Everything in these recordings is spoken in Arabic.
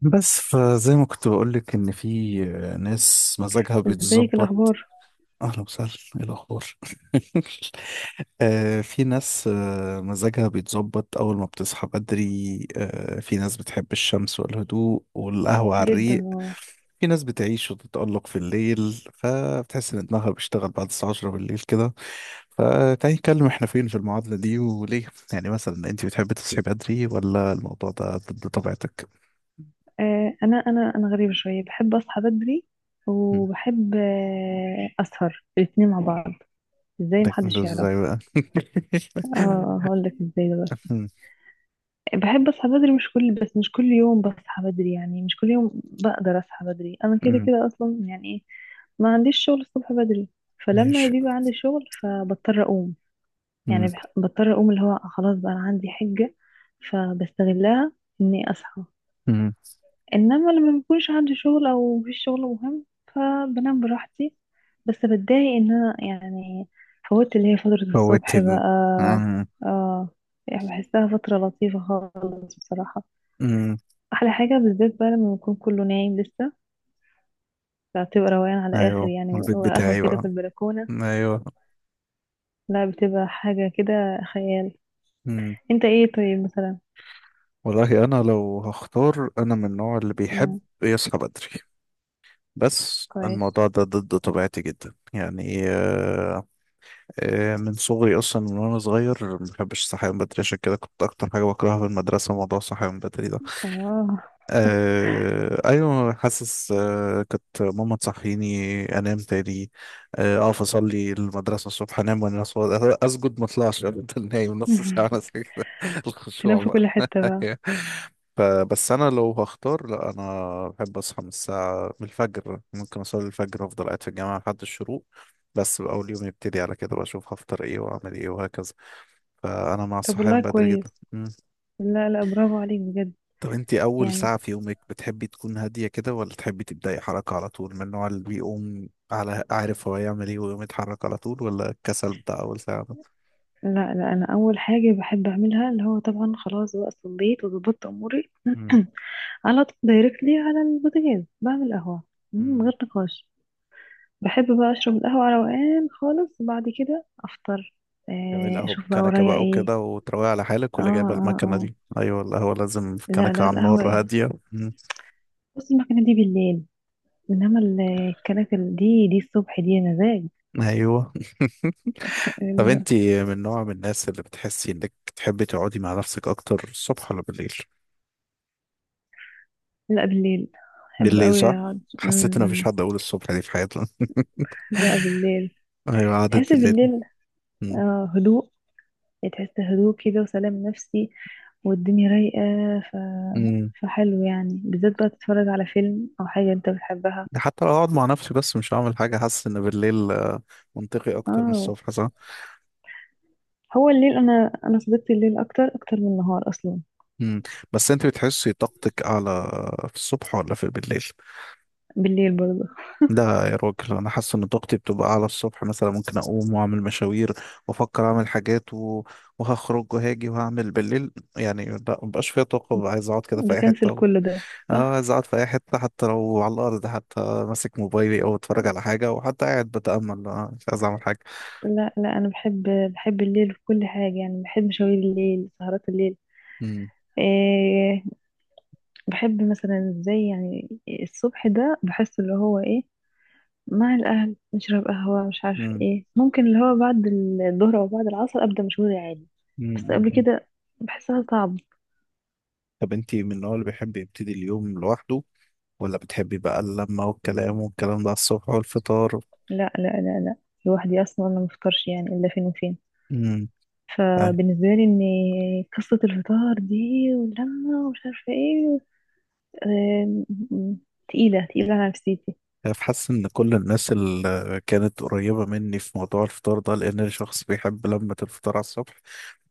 بس فزي ما كنت بقولك إن في ناس مزاجها ازيك بيتظبط. الاخبار؟ أهلا وسهلا، إيه الأخبار؟ آه، في ناس مزاجها بيتظبط أول ما بتصحى بدري، آه، في ناس بتحب الشمس والهدوء والقهوة على جدا الريق. اه. في ناس بتعيش وتتألق في الليل فبتحس إن دماغها بيشتغل بعد الساعة 10 بالليل كده. فتعالي نتكلم إحنا فين في المعادلة دي وليه. يعني مثلا أنت بتحبي تصحي بدري ولا الموضوع ده ضد طبيعتك؟ انا غريبه شويه، بحب اصحى بدري وبحب اسهر الاثنين مع بعض. ازاي ده محدش يعرف؟ ازاي بقى؟ اه هقول لك ازاي دلوقتي. مم، بحب اصحى بدري، مش كل يوم بصحى بدري، يعني مش كل يوم بقدر اصحى بدري. انا كده مم، كده اصلا يعني ايه، ما عنديش شغل الصبح بدري، فلما ماشي. بيبقى عندي شغل فبضطر اقوم. مم، يعني بضطر اقوم، اللي هو خلاص بقى انا عندي حجة فبستغلها اني اصحى. مم. انما لما بيكونش عندي شغل او مفيش شغل مهم فبنام براحتي. بس بتضايق ان انا يعني فوت اللي هي فترة فوت الصبح ال بقى. مم، اه، يعني بحسها فترة لطيفة خالص بصراحة. مم. احلى حاجة بالذات بقى لما يكون كله نايم لسه، فبتبقى روقان على اخر ايوه، يعني، والبيت وقهوة بتاعي كده بقى. في البلكونة. ايوه. لا، بتبقى حاجة كده خيال. مم. انت ايه طيب مثلا؟ والله انا لو هختار، انا من النوع اللي بيحب مم. يصحى بدري، بس كويس. الموضوع ده ضد طبيعتي جدا، يعني من صغري اصلا، من وانا صغير ما بحبش الصحيان بدري، عشان كده كنت اكتر حاجه بكرهها في المدرسه موضوع الصحيان بدري ده. اه. آه ايوه، حاسس، آه كانت ماما تصحيني انام تاني. آه، اقف اصلي المدرسه الصبح انام، اسجد ما اطلعش، افضل نايم نص ساعه بس كده، تنام الخشوع في بقى. كل حتة بقى. فبس انا لو هختار، لا انا بحب اصحى من الساعه، من الفجر، ممكن اصلي الفجر وافضل قاعد في الجامعه لحد الشروق. بس بقى اول يوم يبتدي على كده، بشوف هفطر ايه واعمل ايه وهكذا. فانا مع طب والله الصحيان بدري جدا. كويس، لا لا، برافو عليك بجد. طب انت اول يعني ساعة في يومك بتحبي تكون هادية كده ولا تحبي تبدأي حركة على طول؟ من النوع اللي بيقوم على عارف هو يعمل ايه ويقوم يتحرك على طول، ولا الكسل بتاع اول ساعة ده؟ لا لا، انا اول حاجه بحب اعملها اللي هو طبعا خلاص بقى صليت وظبطت اموري، مم. على طول دايركتلي على البوتاجاز بعمل قهوه من مم. غير نقاش. بحب بقى اشرب القهوه على روقان خالص، بعد كده افطر، جميل، قهوة اشوف بقى بالكنكة ورايا بقى ايه. وكده وتروقي على حالك، اه ولا جايبة اه المكنة اه. دي؟ ايوه، القهوة لازم في لا كنكة لا، على القهوه النار إيه؟ هادية. مم. بص، المكنه دي بالليل، انما ال- الكناكل دي، دي الصبح دي مزاج. ايوه. طب لا. انت من نوع من الناس اللي بتحسي انك تحبي تقعدي مع نفسك اكتر الصبح ولا بالليل؟ لا بالليل. بحب بالليل قوي صح، اقعد حسيت ان مفيش م. حد اقول الصبح دي في حياتنا. لا بالليل. ايوه، قعدت تحس بالليل. بالليل، مم. هدوء. تحس هدوء كده وسلام نفسي، والدنيا رايقة. ف... مم. فحلو يعني بالذات بقى تتفرج على فيلم أو حاجة أنت بتحبها. ده حتى لو هقعد مع نفسي بس مش هعمل حاجة، حاسس إن بالليل، منطقي أكتر من اه. الصبح، صح؟ هو الليل، أنا صديقتي الليل أكتر أكتر من النهار أصلا. مم. بس أنت بتحسي طاقتك أعلى في الصبح ولا في بالليل؟ بالليل برضه. لا يا راجل، أنا حاسس إن طاقتي بتبقى أعلى الصبح، مثلا ممكن أقوم وأعمل مشاوير وأفكر أعمل حاجات و... وهخرج وهاجي وهعمل بالليل، يعني لا، مبقاش فيها طاقة، ببقى عايز أقعد كده في أي حتة بكنسل و... كل ده آه صح. عايز أقعد في أي حتة، حتى لو على الأرض، حتى ماسك موبايلي أو أتفرج على حاجة، وحتى قاعد بتأمل، مش عايز أعمل حاجة. لا لا، أنا بحب، بحب الليل في كل حاجة، يعني بحب مشاوير الليل، سهرات الليل، مم. إيه. بحب مثلا زي يعني الصبح ده، بحس اللي هو ايه، مع الأهل نشرب قهوة مش عارفة مم. ايه، ممكن اللي هو بعد الظهر أو بعد العصر أبدأ مشغولي عادي، بس قبل مم. كده بحسها صعب. طب انت من النوع اللي بيحب يبتدي اليوم لوحده، ولا بتحبي بقى اللمة والكلام والكلام ده على الصبح والفطار؟ لا لا، لوحدي أصلا ما مفطرش يعني إلا فين وفين. امم. فبالنسبة لي إن قصة الفطار دي واللمة ومش عارفة ايه، آم، م- تقيلة تقيلة على نفسيتي. حاسس ان كل الناس اللي كانت قريبة مني في موضوع الفطار ده، لان انا شخص بيحب لمة الفطار على الصبح،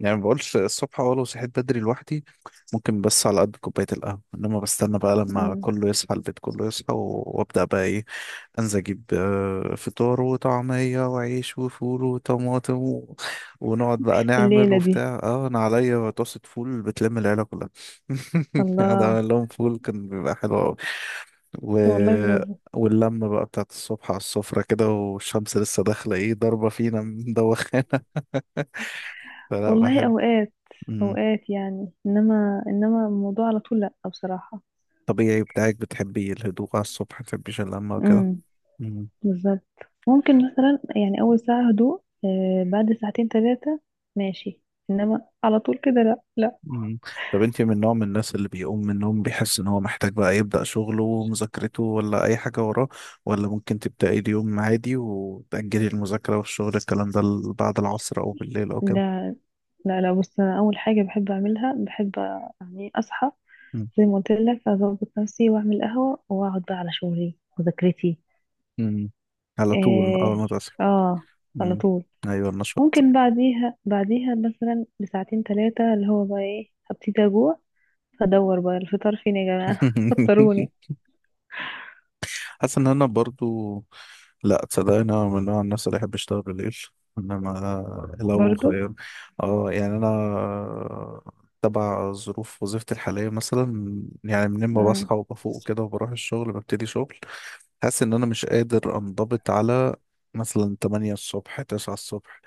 يعني ما بقولش الصبح، اه لو صحيت بدري لوحدي ممكن، بس على قد كوباية القهوة، انما بستنى بقى لما مم. كله يصحى، البيت كله يصحى وابدأ بقى ايه، انزل اجيب، فطار وطعمية وعيش وفول وطماطم و... ونقعد بقى نعمل الليلة دي. وبتاع. اه انا عليا طاسة فول بتلم العيلة كلها. قاعد الله. اعمل لهم فول كان بيبقى حلو قوي و... طب والله برافو. واللمة بقى بتاعت الصبح على السفرة كده، والشمس لسه داخلة ايه، ضاربة فينا من دوخانة. فلا، والله بحب. أوقات مم. أوقات يعني، إنما الموضوع على طول لأ بصراحة. طبيعي بتاعك، بتحبي الهدوء على الصبح، متحبيش اللمة وكده. مم. بالظبط. ممكن مثلا يعني اول ساعة هدوء، بعد ساعتين ثلاثة ماشي، انما على طول كده لا لا. مم. طب انت من نوع من الناس اللي بيقوم من النوم بيحس ان هو محتاج بقى يبدأ شغله ومذاكرته ولا اي حاجة وراه، ولا ممكن تبدأي اليوم عادي وتأجلي المذاكرة والشغل الكلام ده بعد العصر او بالليل او كده؟ لا لا لا، بص انا اول حاجة بحب اعملها، بحب يعني اصحى مم. زي ما قلت لك، اظبط نفسي واعمل قهوة واقعد بقى على شغلي مذاكرتي. مم. على طول اول اه ما تصحي. اه. على مم. طول. ايوه النشاط. ممكن بعديها مثلا بساعتين ثلاثة، اللي هو بقى ايه هبتدي اجوع، فادور بقى الفطار فين يا جماعة. فطروني. حاسس ان انا برضو، لا تصدقني انا من النوع، عن نفسي، اللي يحب يشتغل بالليل، انما لو برضو. خير، اه يعني انا تبع ظروف وظيفتي الحاليه، مثلا يعني من ما مم. بصحى وبفوق كده وبروح الشغل ببتدي شغل، حاسس ان انا مش قادر انضبط على مثلا 8 الصبح، 9 الصبح،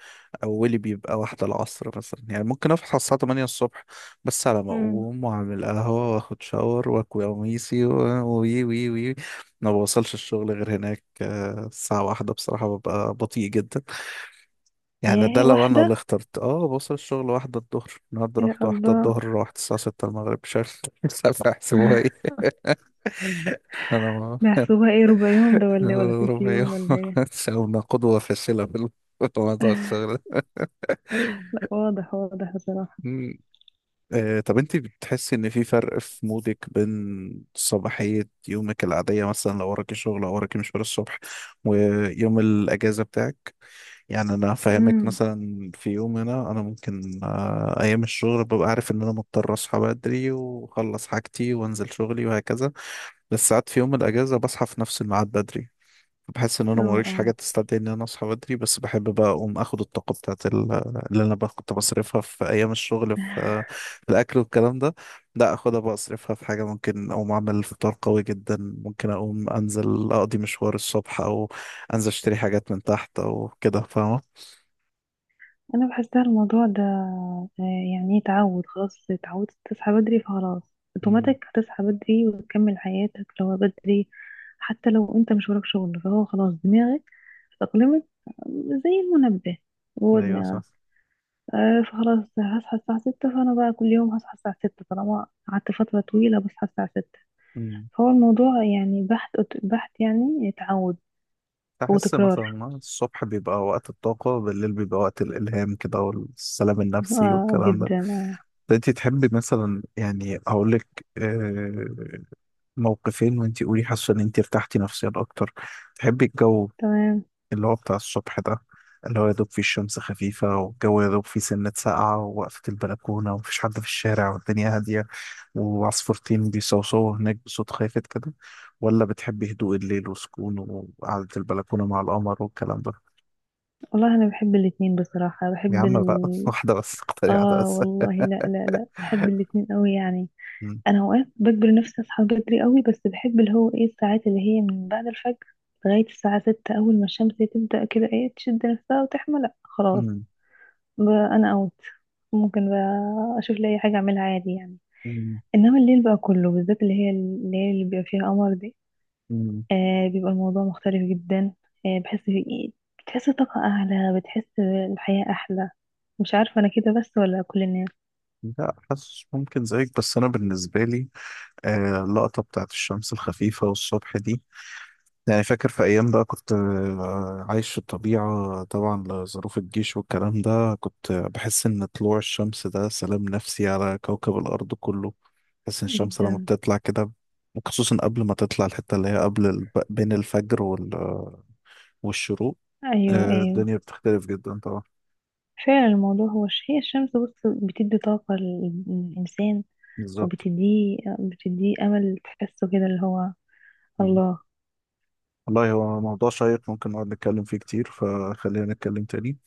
اولي بيبقى واحدة العصر مثلا. يعني ممكن اصحى الساعة 8 الصبح بس على ما مم. اقوم واعمل قهوة واخد شاور واكوي قميصي وي وي وي، ما بوصلش الشغل غير هناك، آه، الساعة واحدة، بصراحة ببقى بطيء جدا يعني. ده ياه لو انا اللي واحدة، اخترت، اه بوصل الشغل واحدة الظهر، النهاردة يا رحت واحدة الله. الظهر، روحت الساعة 6 المغرب، مش عارف، مش عارف احسبوها ايه. انا محسوبة ايه، ربع يوم ده ولا إيه؟ ولا تلت ربع يوم. يوم ولا ايه؟ ساونا قدوة فاشلة في الموضوع الشغل ده. لا، واضح واضح بصراحة. مم. آه، طب انت بتحسي ان في فرق في مودك بين صباحية يومك العادية، مثلا لو وراكي شغل او وراكي مشوار الصبح، ويوم الاجازة بتاعك؟ يعني انا فاهمك امم. مثلا، في يوم هنا انا ممكن، آه، ايام الشغل ببقى عارف ان انا مضطر اصحى بدري واخلص حاجتي وانزل شغلي وهكذا، بس ساعات في يوم الاجازة بصحى في نفس الميعاد بدري، بحس ان انا اه موريش حاجه اه. تستدعي ان انا اصحى بدري، بس بحب بقى اقوم اخد الطاقه بتاعت اللي انا بقى كنت بصرفها في ايام الشغل في في الاكل والكلام ده، لا اخدها بقى اصرفها في حاجه، ممكن اقوم اعمل فطار قوي جدا، ممكن اقوم انزل اقضي مشوار الصبح، او انزل اشتري حاجات من تحت او كده، فاهمه؟ انا بحسها الموضوع ده يعني إيه، تعود. خلاص اتعودت تصحى بدري فخلاص امم. اوتوماتيك هتصحى بدري وتكمل حياتك لو بدري. حتى لو انت مش وراك شغل فهو خلاص دماغك اتأقلمت زي المنبه جوه ايوه دماغك. صح. آه، فخلاص هصحى الساعة ستة، فأنا بقى كل يوم هصحى الساعة ستة طالما قعدت فترة طويلة بصحى الساعة ستة. امم. هو الموضوع يعني بحث، بحث يعني تعود احس وتكرار. مثلا الصبح بيبقى وقت الطاقه، بالليل بيبقى وقت الالهام كده والسلام النفسي اه والكلام ده. جدا اه. انت تحبي مثلا، يعني اقول لك موقفين وانت قولي حاسه ان انت ارتحتي نفسيا اكتر، تحبي الجو تمام. اللي هو بتاع الصبح ده، اللي هو يا دوب فيه الشمس خفيفة والجو يا دوب فيه سنة ساقعة، ووقفة البلكونة ومفيش حد في الشارع والدنيا هادية، وعصفورتين بيصوصوا هناك بصوت خافت كده، ولا بتحبي هدوء الليل وسكون وقعدة البلكونة مع القمر والكلام ده؟ والله انا بحب الاتنين بصراحة، يا عم بقى، واحدة بس، اختاري واحدة اه بس. والله لا لا لا، بحب الاتنين قوي يعني. مم. انا اوقات بجبر نفسي اصحى بدري قوي، بس بحب اللي هو ايه الساعات اللي هي من بعد الفجر لغاية الساعة ستة، اول ما الشمس تبدأ كده ايه تشد نفسها وتحمى لا خلاص. مم. ب- انا اوت ممكن بقى اشوف لي اي حاجة اعملها عادي يعني. مم. انما الليل بقى كله، بالذات اللي هي الليل اللي بيبقى فيها قمر دي، مم. آه بيبقى الموضوع مختلف جدا. آه بحس في إيه، بتحس طاقة أعلى، بتحس الحياة أحلى. مش عارفة أنا كده بس ولا كل الناس؟ لا حاسس ممكن زيك، بس أنا بالنسبة لي، اللقطة بتاعت الشمس الخفيفة والصبح دي، يعني فاكر في أيام بقى كنت، عايش في الطبيعة طبعا لظروف الجيش والكلام ده، كنت بحس إن طلوع الشمس ده سلام نفسي على كوكب الأرض كله. بحس إن الشمس لما جدا. بتطلع كده، وخصوصا قبل ما تطلع، الحتة اللي هي قبل بين الفجر والشروق، أيوة أيوه. الدنيا بتختلف جدا طبعا. فعلا الموضوع هو هي الشمس، بص، بتدي طاقة للإنسان، بالظبط. وبتديه أمل تحسه كده اللي هو مم. الله. والله هو موضوع شيق ممكن نقعد نتكلم فيه كتير، فخلينا نتكلم تاني.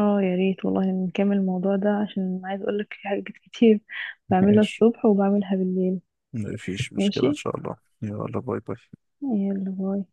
اه يا ريت والله، نكمل الموضوع ده عشان عايز أقولك في حاجات كتير بعملها ماشي، الصبح وبعملها بالليل. مفيش مشكلة إن ماشي. شاء الله. يلا باي باي. يلا باي.